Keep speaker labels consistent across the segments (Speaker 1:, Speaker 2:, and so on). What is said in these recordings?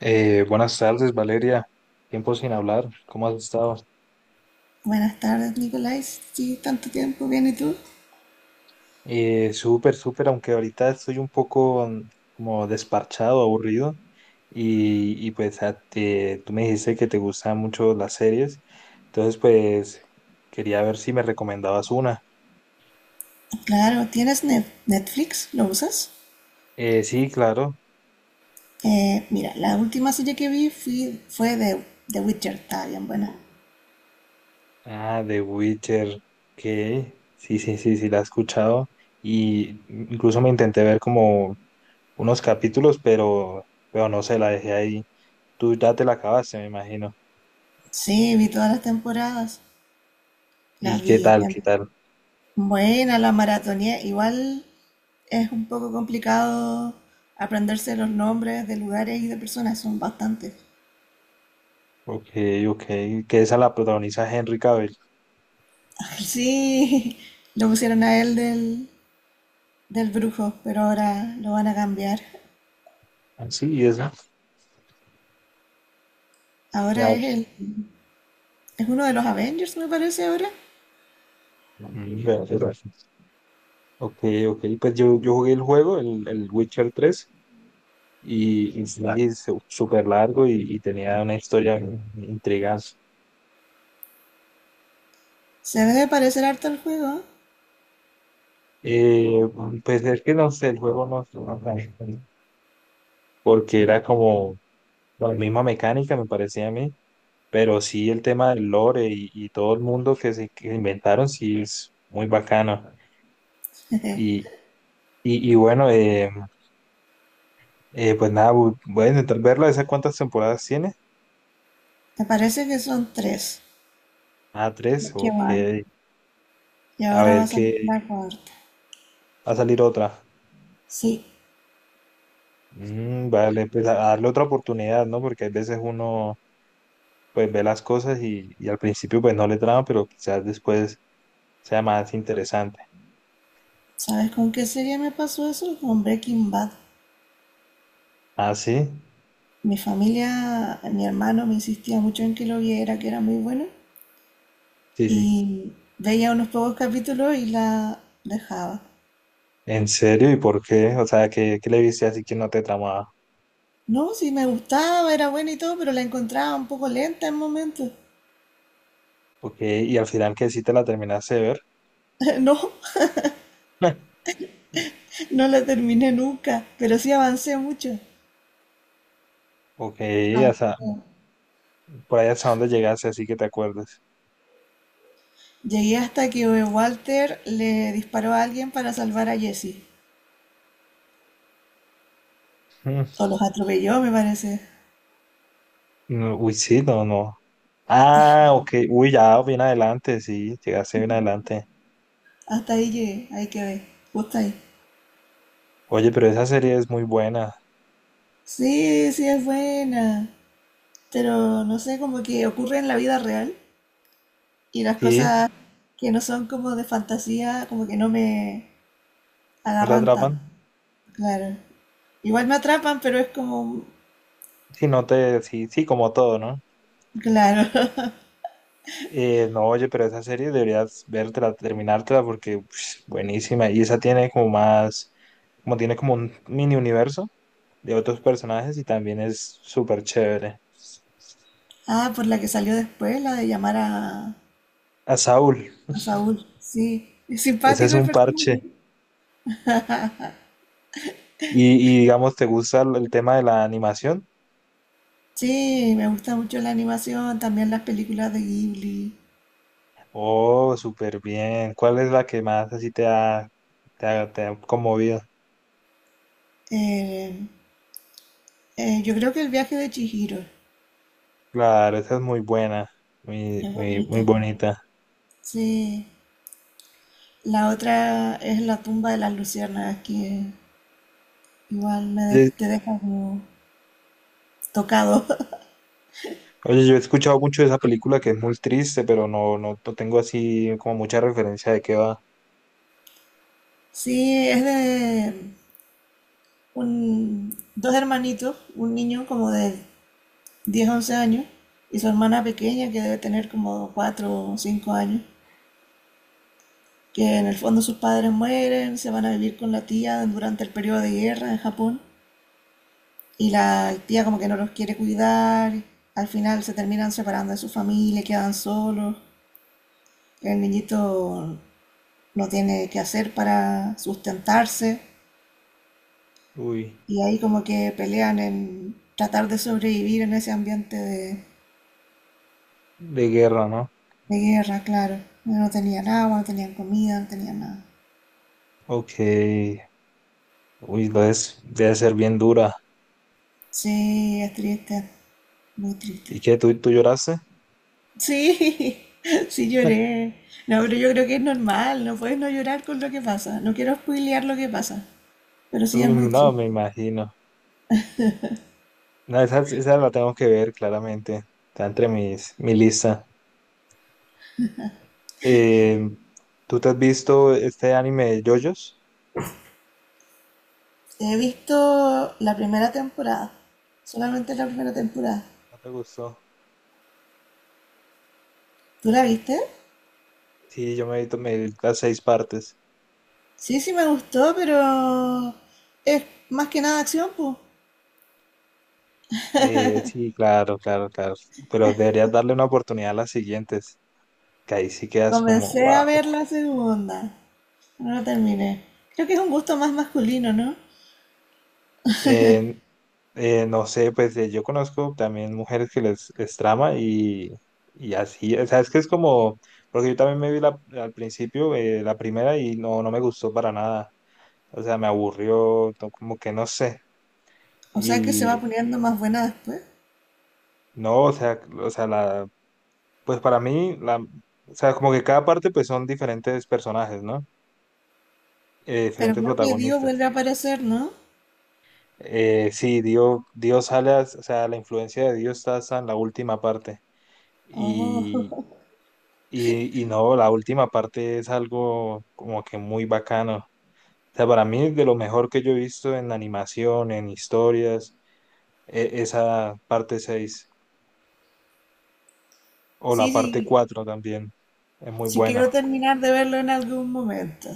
Speaker 1: Buenas tardes, Valeria. Tiempo sin hablar. ¿Cómo has estado?
Speaker 2: Buenas tardes, Nicolás. Sí, tanto tiempo, bien, ¿y tú?
Speaker 1: Súper, súper, aunque ahorita estoy un poco como desparchado, aburrido. Y pues tú me dijiste que te gustan mucho las series. Entonces, pues quería ver si me recomendabas una.
Speaker 2: Claro, ¿tienes Netflix? ¿Lo usas?
Speaker 1: Sí, claro.
Speaker 2: Mira, la última serie que vi fue de The Witcher, está bien buena.
Speaker 1: Ah, The Witcher. Que Sí, sí, sí, sí, la he escuchado. Y incluso me intenté ver como unos capítulos, pero no sé, la dejé ahí. Tú ya te la acabaste, me imagino.
Speaker 2: Sí, vi todas las temporadas,
Speaker 1: ¿Y
Speaker 2: las
Speaker 1: qué
Speaker 2: vi.
Speaker 1: tal? ¿Qué tal?
Speaker 2: Buena, la maratoneé. Igual es un poco complicado aprenderse los nombres de lugares y de personas, son bastantes.
Speaker 1: Ok, ok. Que esa la protagoniza Henry Cavill.
Speaker 2: Sí, lo pusieron a él del, del brujo, pero ahora lo van a cambiar.
Speaker 1: Ah, sí, y esa. Ya,
Speaker 2: Ahora es
Speaker 1: pues,
Speaker 2: él. Es uno de los Avengers, me parece ahora.
Speaker 1: vea, qué raro. Ok, ok. Pues yo jugué el juego, el Witcher 3 y sí, súper largo y tenía una historia intrigante.
Speaker 2: Se debe de parecer harto el juego.
Speaker 1: Eh, pues es que no sé, el juego no, porque era como la misma mecánica, me parecía a mí. Pero sí, el tema del lore y todo el mundo que inventaron, sí es muy bacano.
Speaker 2: ¿Eh?
Speaker 1: Y, y bueno, pues nada, voy a intentar verla. ¿Esa cuántas temporadas tiene?
Speaker 2: Me parece que son tres
Speaker 1: Ah, tres,
Speaker 2: los que
Speaker 1: ok.
Speaker 2: van. Y
Speaker 1: A
Speaker 2: ahora
Speaker 1: ver
Speaker 2: vas a
Speaker 1: qué
Speaker 2: la cuarta.
Speaker 1: va a salir otra.
Speaker 2: Sí.
Speaker 1: Vale, pues a darle otra oportunidad, ¿no? Porque hay veces uno pues ve las cosas y al principio pues no le trama, pero quizás después sea más interesante.
Speaker 2: ¿Sabes con qué serie me pasó eso? Con Breaking Bad.
Speaker 1: Ah, sí,
Speaker 2: Mi familia, mi hermano me insistía mucho en que lo viera, que era muy bueno.
Speaker 1: sí, sí.
Speaker 2: Y veía unos pocos capítulos y la dejaba.
Speaker 1: ¿En serio? ¿Y por qué? O sea, ¿qué le viste así que no te tramaba?
Speaker 2: No, sí me gustaba, era buena y todo, pero la encontraba un poco lenta en momentos.
Speaker 1: Ok, y al final que sí te la terminaste de ver.
Speaker 2: No, no la terminé nunca, pero sí avancé mucho.
Speaker 1: Ok,
Speaker 2: Ah,
Speaker 1: hasta,
Speaker 2: sí.
Speaker 1: por ahí hasta dónde llegaste, así que te acuerdes.
Speaker 2: Llegué hasta que Walter le disparó a alguien para salvar a Jesse. O los atropelló, me parece.
Speaker 1: Mm, no, uy, sí, no, no. Ah, ok, uy, ya, bien adelante, sí, llegaste bien adelante.
Speaker 2: Hasta ahí llegué, ahí quedé, justo ahí.
Speaker 1: Oye, pero esa serie es muy buena,
Speaker 2: Sí, sí es buena, pero no sé, como que ocurre en la vida real y las
Speaker 1: ¿sí?
Speaker 2: cosas que no son como de fantasía, como que no me
Speaker 1: ¿No te
Speaker 2: agarran tanto.
Speaker 1: atrapan?
Speaker 2: Claro. Igual me atrapan, pero es como...
Speaker 1: Sí, no te, sí, sí, como todo, ¿no?
Speaker 2: Claro.
Speaker 1: No, oye, pero esa serie deberías vértela, terminártela, porque pf, buenísima, y esa tiene como tiene como un mini universo de otros personajes y también es súper chévere.
Speaker 2: Ah, por la que salió después, la de llamar
Speaker 1: A Saúl,
Speaker 2: a Saúl. Sí, es
Speaker 1: ese es
Speaker 2: simpático el
Speaker 1: un parche.
Speaker 2: personaje.
Speaker 1: Y, y, digamos, ¿te gusta el tema de la animación?
Speaker 2: Sí, me gusta mucho la animación, también las películas de Ghibli.
Speaker 1: Oh, súper bien. ¿Cuál es la que más así te ha conmovido?
Speaker 2: Eh, yo creo que el viaje de Chihiro
Speaker 1: Claro, esa es muy buena, muy,
Speaker 2: es
Speaker 1: muy, muy
Speaker 2: bonita.
Speaker 1: bonita.
Speaker 2: Sí, la otra es la tumba de las luciérnagas, que igual
Speaker 1: Oye,
Speaker 2: te deja como tocado.
Speaker 1: Oye, yo he escuchado mucho de esa película que es muy triste, pero no, no, no tengo así como mucha referencia de qué va.
Speaker 2: Sí, es de un, dos hermanitos, un niño como de 10 11 años, y su hermana pequeña, que debe tener como 4 o 5 años, que en el fondo sus padres mueren, se van a vivir con la tía durante el periodo de guerra en Japón, y la tía como que no los quiere cuidar, al final se terminan separando de su familia, quedan solos, el niñito no tiene qué hacer para sustentarse,
Speaker 1: Uy,
Speaker 2: y ahí como que pelean en tratar de sobrevivir en ese ambiente
Speaker 1: de guerra, ¿no?
Speaker 2: de guerra, claro. No tenían agua, no tenían comida, no tenían nada.
Speaker 1: Ok. Uy, entonces debe ser bien dura.
Speaker 2: Sí, es triste, muy triste.
Speaker 1: ¿Y qué? ¿Tú lloraste?
Speaker 2: Sí, sí lloré. No, pero yo creo que es normal, no puedes no llorar con lo que pasa. No quiero spoilear lo que pasa, pero sí es
Speaker 1: Uy,
Speaker 2: muy
Speaker 1: no,
Speaker 2: triste.
Speaker 1: me imagino. No, esa la tengo que ver claramente. Está entre mi lista. Eh, ¿Tú te has visto este anime de JoJo's?
Speaker 2: He visto la primera temporada, solamente
Speaker 1: Y
Speaker 2: la
Speaker 1: que
Speaker 2: primera
Speaker 1: no,
Speaker 2: temporada.
Speaker 1: no te gustó.
Speaker 2: ¿Tú la viste?
Speaker 1: Sí, yo me he visto me vi las seis partes.
Speaker 2: Sí, sí me gustó, pero es más que nada acción, pues.
Speaker 1: Sí, claro, claro, claro. Pero deberías darle una oportunidad a las siguientes. Que ahí sí quedas como,
Speaker 2: Comencé a
Speaker 1: wow.
Speaker 2: ver la segunda, no la terminé. Creo que es un gusto más masculino, ¿no?
Speaker 1: No sé, pues yo conozco también mujeres que les trama y así, o sea, es que es como, porque yo también al principio la primera y no me gustó para nada, o sea, me aburrió, no, como que no sé,
Speaker 2: O sea que se va
Speaker 1: y
Speaker 2: poniendo más buena después.
Speaker 1: no, o sea, pues para mí, o sea, como que cada parte pues son diferentes personajes, ¿no?
Speaker 2: Pero
Speaker 1: Diferentes
Speaker 2: creo que Dio
Speaker 1: protagonistas.
Speaker 2: vuelve a aparecer, ¿no?
Speaker 1: Sí, Dios sale, o sea, la influencia de Dios está hasta en la última parte.
Speaker 2: Oh,
Speaker 1: Y, y no, la última parte es algo como que muy bacano. O sea, para mí es de lo mejor que yo he visto en animación, en historias, esa parte 6 o la
Speaker 2: sí,
Speaker 1: parte
Speaker 2: sí.
Speaker 1: 4 también es muy
Speaker 2: Si quiero
Speaker 1: buena.
Speaker 2: terminar de verlo en algún momento.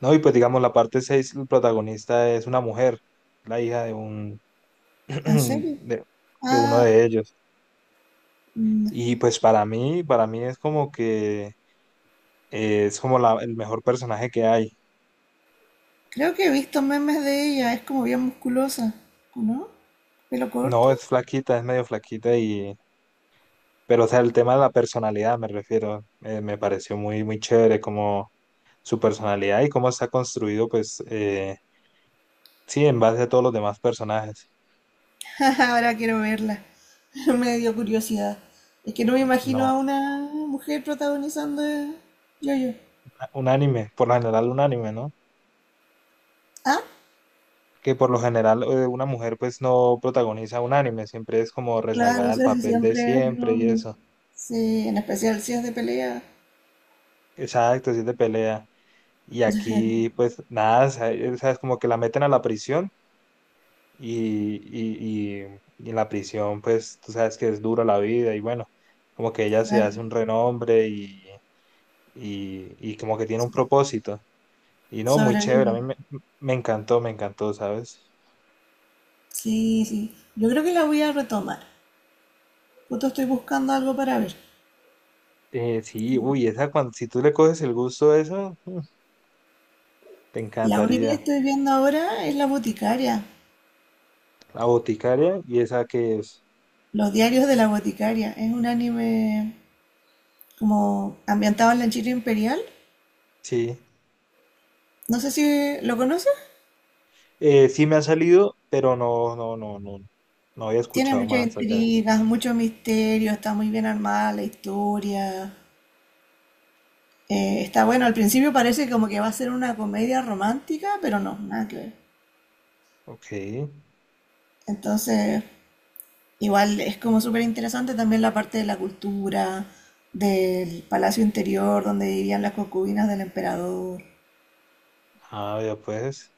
Speaker 1: No, y pues digamos la parte 6 el protagonista es una mujer, la hija de un
Speaker 2: ¿En serio?
Speaker 1: de, de uno
Speaker 2: Ah,
Speaker 1: de ellos.
Speaker 2: mm,
Speaker 1: Y pues para mí es como que es como el mejor personaje que hay.
Speaker 2: creo que he visto memes de ella. Es como bien musculosa, ¿no? ¿Pelo
Speaker 1: No,
Speaker 2: corto?
Speaker 1: es medio flaquita. Y Pero, o sea, el tema de la personalidad, me refiero, me pareció muy, muy chévere como su personalidad y cómo está construido, pues, sí, en base a todos los demás personajes.
Speaker 2: Ahora quiero verla. Me dio curiosidad. Es que no me imagino a
Speaker 1: No,
Speaker 2: una mujer protagonizando yo-yo.
Speaker 1: un anime, por lo general un anime, ¿no?
Speaker 2: Ah,
Speaker 1: Que por lo general una mujer, pues, no protagoniza un anime, siempre es como
Speaker 2: claro,
Speaker 1: rezagada
Speaker 2: o
Speaker 1: al
Speaker 2: sea, si
Speaker 1: papel de
Speaker 2: siempre es un
Speaker 1: siempre y
Speaker 2: hombre.
Speaker 1: eso.
Speaker 2: Sí, en especial si es de pelea.
Speaker 1: Exacto, sí, es de pelea. Y aquí, pues, nada, o sea, es como que la meten a la prisión. Y en la prisión, pues tú sabes que es dura la vida y bueno, como que ella se
Speaker 2: Claro.
Speaker 1: hace un renombre y como que tiene un propósito. Y no, muy chévere, a
Speaker 2: Sobrevive.
Speaker 1: mí me encantó, me encantó, ¿sabes?
Speaker 2: Sí, sí. Yo creo que la voy a retomar. Justo estoy buscando algo para ver.
Speaker 1: Sí, uy, esa cuando, si tú le coges el gusto a eso, te
Speaker 2: La única que
Speaker 1: encantaría.
Speaker 2: estoy viendo ahora es La Boticaria.
Speaker 1: La boticaria y esa que es,
Speaker 2: Los diarios de la Boticaria. Es un anime como ambientado en la China imperial.
Speaker 1: sí.
Speaker 2: No sé si lo conoces.
Speaker 1: Sí me ha salido, pero no había
Speaker 2: Tiene
Speaker 1: escuchado
Speaker 2: muchas
Speaker 1: más allá de eso.
Speaker 2: intrigas, mucho misterio, está muy bien armada la historia. Está bueno, al principio parece como que va a ser una comedia romántica, pero no, nada que ver.
Speaker 1: Ok,
Speaker 2: Entonces, igual es como súper interesante también la parte de la cultura, del palacio interior donde vivían las concubinas del emperador.
Speaker 1: ah, ya pues.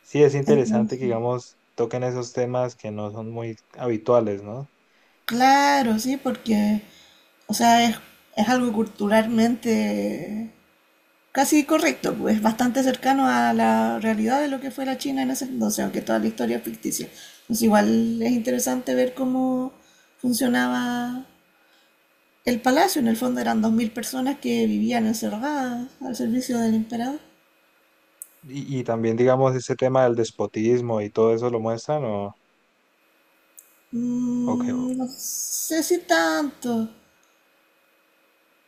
Speaker 1: Sí, es interesante
Speaker 2: Entonces,
Speaker 1: que, digamos, toquen esos temas que no son muy habituales, ¿no?
Speaker 2: claro, sí, porque, o sea, es algo culturalmente casi correcto, pues bastante cercano a la realidad de lo que fue la China en ese entonces, aunque toda la historia es ficticia. Pues igual es interesante ver cómo funcionaba el palacio. En el fondo eran 2.000 personas que vivían encerradas al servicio del emperador.
Speaker 1: Y también, digamos, ese tema del despotismo y todo eso lo muestran, ¿o qué?
Speaker 2: Mm, no sé si tanto.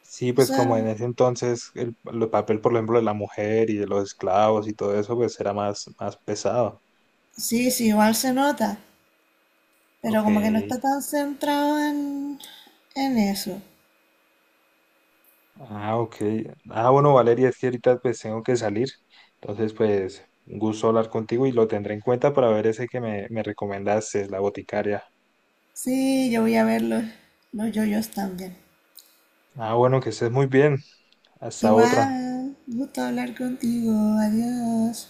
Speaker 1: Sí,
Speaker 2: O
Speaker 1: pues como en
Speaker 2: sea,
Speaker 1: ese entonces el papel, por ejemplo, de la mujer y de los esclavos y todo eso, pues era más, más pesado.
Speaker 2: sí, sí, igual se nota, pero
Speaker 1: Ok.
Speaker 2: como que no está tan centrado en eso.
Speaker 1: Ah, ok. Ah, bueno, Valeria, es que ahorita pues tengo que salir. Entonces, pues, un gusto hablar contigo y lo tendré en cuenta para ver ese que me recomendaste, la boticaria.
Speaker 2: Sí, yo voy a ver los yoyos también.
Speaker 1: Ah, bueno, que estés muy bien. Hasta otra.
Speaker 2: Igual, gusto hablar contigo. Adiós.